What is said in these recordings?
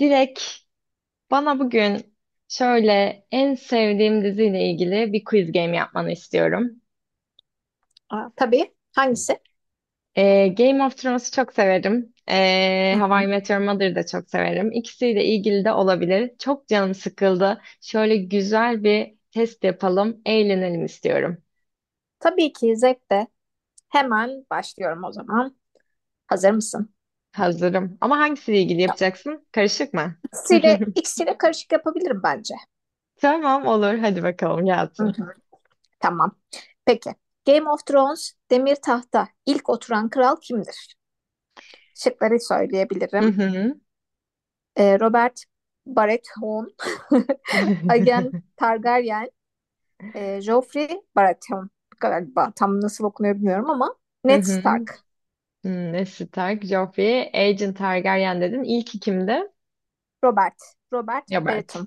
Direkt bana bugün şöyle en sevdiğim diziyle ilgili bir quiz game yapmanı istiyorum. Aa, tabii. Hangisi? Game of Thrones'u çok severim. Hı How I hı. Met Your Mother'ı da çok severim. İkisiyle ilgili de olabilir. Çok canım sıkıldı. Şöyle güzel bir test yapalım, eğlenelim istiyorum. Tabii ki zevkle. Hemen başlıyorum o zaman. Hazır mısın? Hazırım. Ama hangisiyle ilgili yapacaksın? Karışık mı? İkisiyle, ikisiyle karışık yapabilirim bence. Tamam olur. Hadi bakalım Hı gelsin. hı. Tamam. Peki. Game of Thrones, Demir Taht'ta ilk oturan kral kimdir? Şıkları Hı söyleyebilirim. hı. Robert Baratheon, Aegon Targaryen, Joffrey Baratheon galiba tam nasıl okunuyor bilmiyorum ama Hı Ned hı. Stark. Ne Stark, Joffrey, Agent Targaryen dedin. İlk ikimdi. Robert, Robert Robert. Baratheon.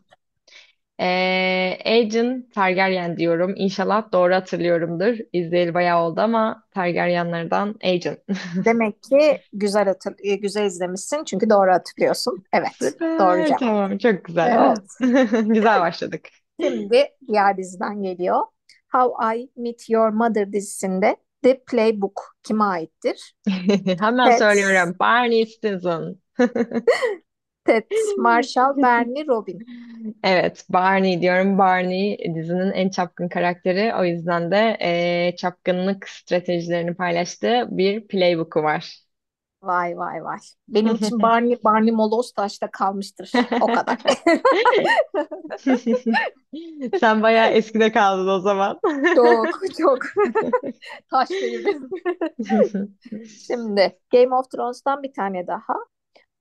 Agent Targaryen diyorum. İnşallah doğru hatırlıyorumdur. İzleyeli bayağı oldu ama Targaryenlerden Agent. Demek ki güzel izlemişsin çünkü doğru hatırlıyorsun. Evet, doğru Süper. cevap. Tamam. Çok güzel. Oh. Evet. Güzel başladık. Şimdi diğer diziden geliyor. How I Met Your Mother dizisinde The Playbook kime aittir? Hemen Ted, söylüyorum. Barney Stinson. Ted Marshall, Barney Robin. Evet, Barney diyorum. Barney dizinin en çapkın karakteri. O yüzden de çapkınlık stratejilerini paylaştığı bir playbook'u var. Vay vay vay. Benim için Barney, Barney Moloz taşta kalmıştır. O kadar. Sen bayağı eskide kaldın o zaman. Çok çok. Taş devri. Şimdi Game of Thrones'tan bir tane daha.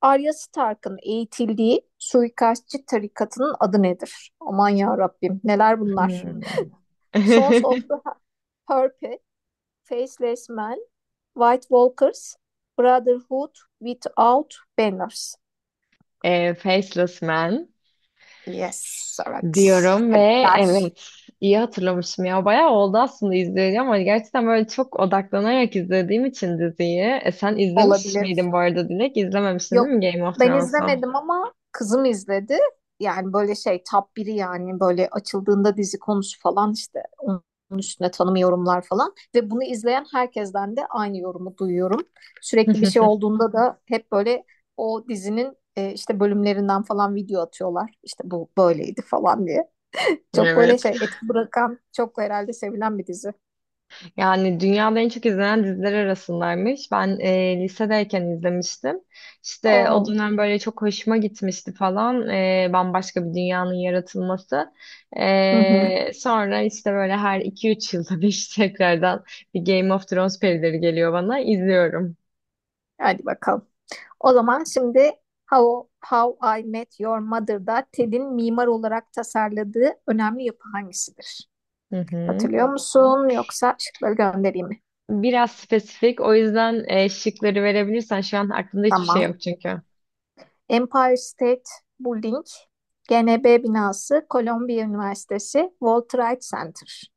Arya Stark'ın eğitildiği suikastçı tarikatının adı nedir? Aman ya Rabbim, neler bunlar? Hmm. Sons of the Purple, Faceless Men, White Walkers, Brotherhood Without Banners. Faceless Man, Yes, evet. diyorum ve Tebrikler. evet iyi hatırlamışım ya. Bayağı oldu aslında izleyeli ama gerçekten böyle çok odaklanarak izlediğim için diziyi. Sen izlemiş Olabilir. miydin bu arada Dilek? İzlememişsin değil Yok, mi Game of ben Thrones'u? izlemedim ama kızım izledi. Yani böyle şey top biri yani böyle açıldığında dizi konusu falan işte onun üstüne tanım yorumlar falan. Ve bunu izleyen herkesten de aynı yorumu duyuyorum. Sürekli bir şey olduğunda da hep böyle o dizinin işte bölümlerinden falan video atıyorlar. İşte bu böyleydi falan diye. Çok böyle Evet. şey etki bırakan çok herhalde sevilen bir dizi. Yani dünyada en çok izlenen diziler arasındaymış. Ben lisedeyken izlemiştim. İşte o Oo. dönem böyle çok hoşuma gitmişti falan. Bambaşka bir dünyanın yaratılması. Hı hı. Sonra işte böyle her 2-3 yılda bir tekrardan bir Game of Thrones perileri geliyor bana. İzliyorum. Hadi bakalım. O zaman şimdi How I Met Your Mother'da Ted'in mimar olarak tasarladığı önemli yapı hangisidir? Hı hı. Hatırlıyor musun yoksa şıkları göndereyim mi? Biraz spesifik. O yüzden şıkları verebilirsen şu an aklımda hiçbir şey Tamam. yok çünkü. Empire State Building, GNB binası, Columbia Üniversitesi, World Trade Center.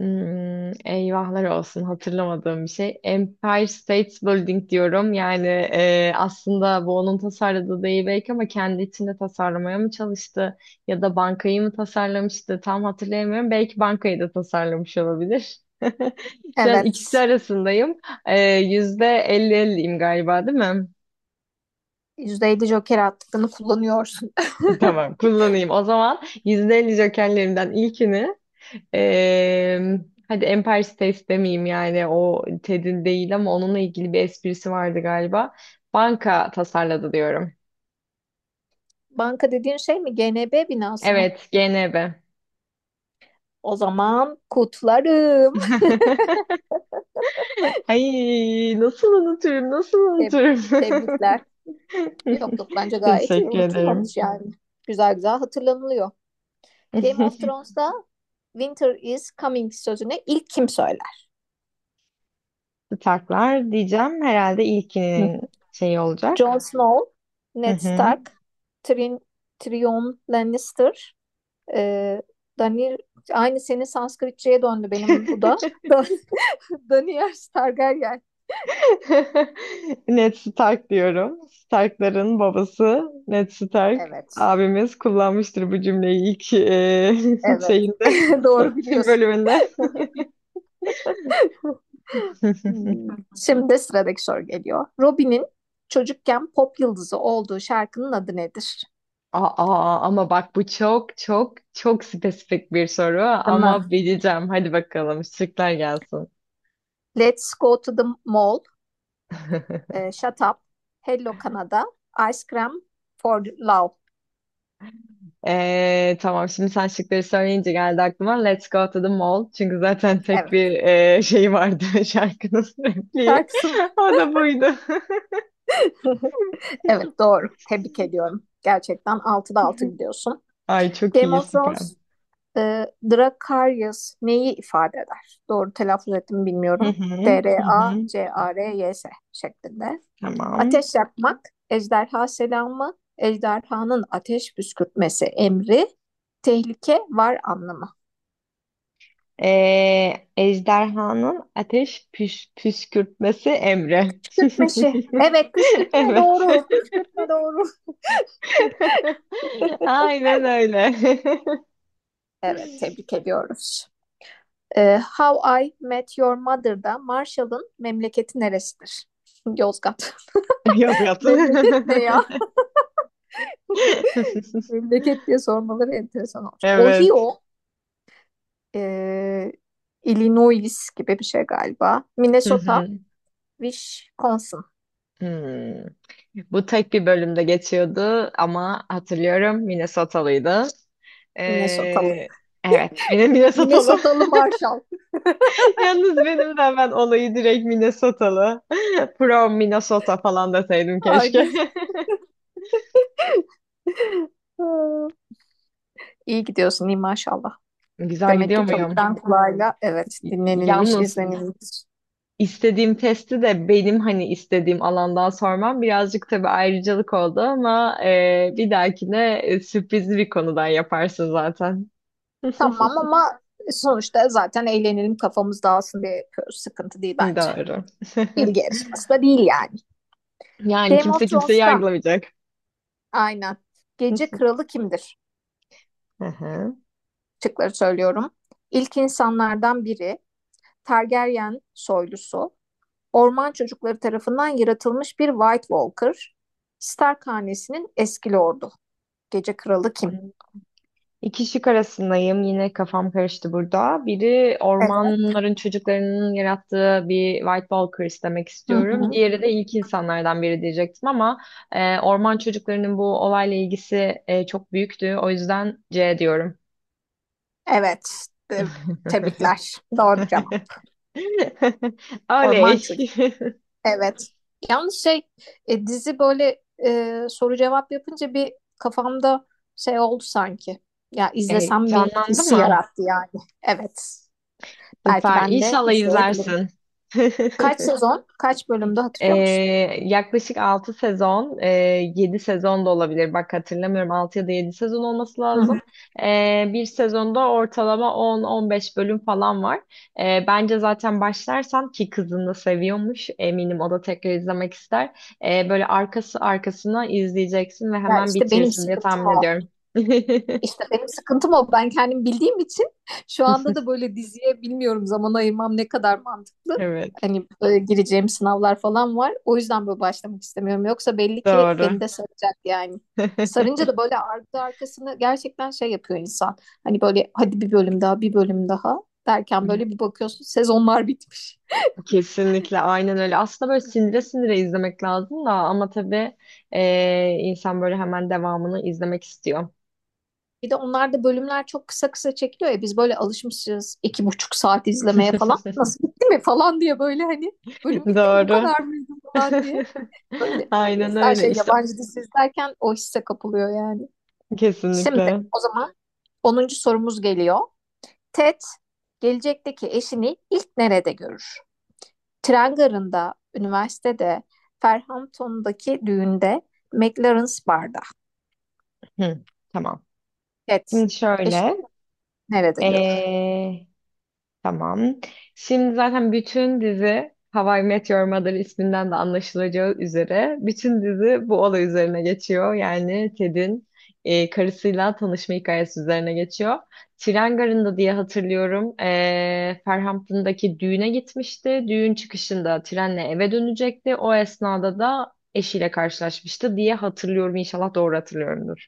Eyvahlar olsun hatırlamadığım bir şey. Empire State Building diyorum. Yani aslında bu onun tasarladığı değil belki ama kendi içinde tasarlamaya mı çalıştı ya da bankayı mı tasarlamıştı tam hatırlayamıyorum. Belki bankayı da tasarlamış olabilir. Şu an ikisi Evet. arasındayım. %50 elliyim galiba değil mi? %50 Joker hakkını kullanıyorsun. Tamam kullanayım. O zaman %50 jokerlerimden ilkini Ee, hadi Empire State demeyeyim yani o Ted'in değil ama onunla ilgili bir esprisi vardı galiba. Banka tasarladı diyorum. Banka dediğin şey mi? GNB binası mı? Evet, GNB. O zaman kutlarım. Ay nasıl unuturum, nasıl Teb- unuturum. tebrikler. Yok yok, bence gayet iyi. Teşekkür ederim. Unutulmamış yani. Güzel güzel hatırlanılıyor. Game of Thrones'ta Winter is coming sözünü ilk kim söyler? Taklar diyeceğim herhalde Hı. ilkinin şeyi Jon olacak. Snow, Hı Ned hı. Stark, Tyrion, Tyrion Lannister, e, Daniel aynı senin Sanskritçe'ye döndü benim bu da. Daniel Targaryen. Ned Stark diyorum. Stark'ların babası Ned Stark. Evet. Abimiz kullanmıştır bu cümleyi ilk Evet. şeyinde, Doğru biliyorsun. bölümünde. Şimdi sıradaki soru geliyor. Robin'in çocukken pop yıldızı olduğu şarkının adı nedir? Aa, ama bak bu çok çok çok spesifik bir soru Değil ama bileceğim. Hadi bakalım şıklar gelsin. Let's go to the mall, Shut Up, Hello Canada, Ice Cream for Love. Tamam şimdi sen şıkları söyleyince geldi aklıma Let's Go to the Mall. Çünkü zaten tek Evet. bir şey vardı şarkının repliği. Şarkısı var. O da buydu. Evet, doğru. Tebrik ediyorum. Gerçekten altıda 6 gidiyorsun. Ay çok Game iyi of süper. Thrones, Dracarys neyi ifade eder? Doğru telaffuz ettim Hı bilmiyorum. hı, hı hı. D-R-A-C-A-R-Y-S şeklinde. Tamam. Ateş yakmak, ejderha selamı, ejderhanın ateş püskürtmesi emri, tehlike var anlamı. Ejderhanın ateş püskürtmesi emri. Püskürtmeşi. Evet, püskürtme Evet. doğru. Püskürtme doğru. Aynen öyle. Evet, tebrik ediyoruz. How I Met Your Mother'da Marshall'ın memleketi neresidir? Yozgat. Yaz yat. Memleket ne ya? Memleket diye sormaları enteresan olacak. Evet. Ohio, e, Illinois gibi bir şey galiba. Hı Minnesota, hı. Wisconsin. Hmm. Bu tek bir bölümde geçiyordu ama hatırlıyorum Minnesotalıydı. Minnesotalı. Ee, evet, benim Minnesotalı. Minnesotalı Marshall. Yalnız benim de hemen olayı direkt Minnesotalı. From Minnesota falan deseydim keşke. Aynen. İyi gidiyorsun, iyi maşallah. Güzel Demek ki gidiyor evet, muyum? çoktan kulağıyla evet dinlenilmiş, Yalnız izlenilmiş. istediğim testi de benim hani istediğim alandan sormam birazcık tabii ayrıcalık oldu ama bir dahakine sürprizli bir konudan yaparsın zaten. Tamam ama sonuçta zaten eğlenelim kafamız dağılsın diye yapıyoruz. Sıkıntı değil bence. Doğru. Bilgi yarışması da değil yani. Yani Game of kimse kimseyi Thrones'ta, yargılamayacak. aynen, gece kralı kimdir? Hı Şıkları söylüyorum. İlk insanlardan biri, Targaryen soylusu. Orman çocukları tarafından yaratılmış bir White Walker. Stark hanesinin eski lordu. Gece kralı kim? hı. İki şık arasındayım. Yine kafam karıştı burada. Biri Evet. ormanların çocuklarının yarattığı bir White Walkers demek Hı istiyorum. hı. Diğeri de ilk insanlardan biri diyecektim ama orman çocuklarının bu olayla ilgisi çok büyüktü. O yüzden C diyorum. Evet. Te- Tebrikler. Doğru cevap. Orman Oley. çocuğu. Evet. Yalnız şey, dizi böyle, soru cevap yapınca bir kafamda şey oldu sanki. Ya izlesem mi canlandı hissi mı? yarattı yani. Evet. Belki Süper. ben de İnşallah izleyebilirim. izlersin. Kaç sezon, kaç bölümde Ee, hatırlıyor musun? yaklaşık 6 sezon, 7 sezon da olabilir. Bak hatırlamıyorum 6 ya da 7 sezon olması Hı lazım. hı. Bir sezonda ortalama 10-15 bölüm falan var. Bence zaten başlarsan ki kızını da seviyormuş. Eminim o da tekrar izlemek ister. Böyle arkası arkasına izleyeceksin ve Ya hemen işte benim bitirsin diye sıkıntım tahmin o. ediyorum. İşte benim sıkıntım o. Ben kendim bildiğim için şu anda da böyle diziye bilmiyorum zaman ayırmam ne kadar mantıklı. Evet, Hani, gireceğim sınavlar falan var. O yüzden böyle başlamak istemiyorum. Yoksa belli ki doğru. beni de saracak yani. Sarınca da böyle ardı arkasını gerçekten şey yapıyor insan. Hani böyle hadi bir bölüm daha, bir bölüm daha derken böyle bir bakıyorsun sezonlar bitmiş. Kesinlikle aynen öyle. Aslında böyle sindire sindire izlemek lazım da ama tabii insan böyle hemen devamını izlemek istiyor. Bir de onlarda bölümler çok kısa kısa çekiliyor ya, biz böyle alışmışız 2,5 saat izlemeye falan. Nasıl bitti mi falan diye böyle hani bölüm bitti mi bu Doğru. kadar mıydı falan diye. Böyle Aynen insan öyle şey işte yabancı dizi izlerken o hisse kapılıyor yani. Şimdi kesinlikle. o zaman 10. sorumuz geliyor. Ted gelecekteki eşini ilk nerede görür? Tren garında, üniversitede, Ferhampton'daki düğünde, McLaren's Bar'da. Hı, tamam. Ted Şimdi şöyle. eşini nerede görür? Tamam. Şimdi zaten bütün dizi How I Met Your Mother isminden de anlaşılacağı üzere bütün dizi bu olay üzerine geçiyor. Yani Ted'in karısıyla tanışma hikayesi üzerine geçiyor. Tren garında diye hatırlıyorum. Farhampton'daki düğüne gitmişti. Düğün çıkışında trenle eve dönecekti. O esnada da eşiyle karşılaşmıştı diye hatırlıyorum. İnşallah doğru hatırlıyorumdur.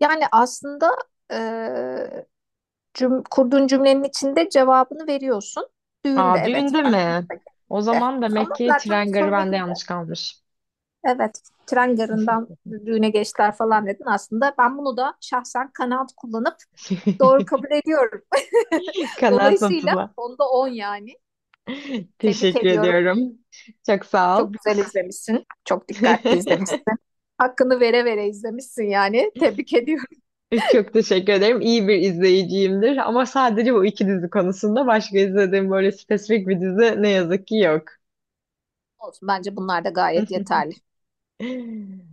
Yani aslında eee, kurduğun cümlenin içinde cevabını veriyorsun. Düğünde, Aa, evet, düğünde var. mi? O De. zaman demek Ama ki zaten tren garı bende söyledim yanlış de. kalmış. Evet, tren garından düğüne geçtiler falan dedin. Aslında ben bunu da şahsen kanaat kullanıp doğru kabul ediyorum. Kanaat Dolayısıyla notuna. 10'da 10 yani. Tebrik Teşekkür ediyorum. ediyorum. Çok sağ ol. Çok güzel izlemişsin. Çok dikkatli izlemişsin. Hakkını vere vere izlemişsin yani. Tebrik ediyorum. Çok teşekkür ederim. İyi bir izleyiciyimdir. Ama sadece bu iki dizi konusunda başka izlediğim böyle spesifik bir dizi ne yazık ki yok. Olsun. Bence bunlar da gayet yeterli.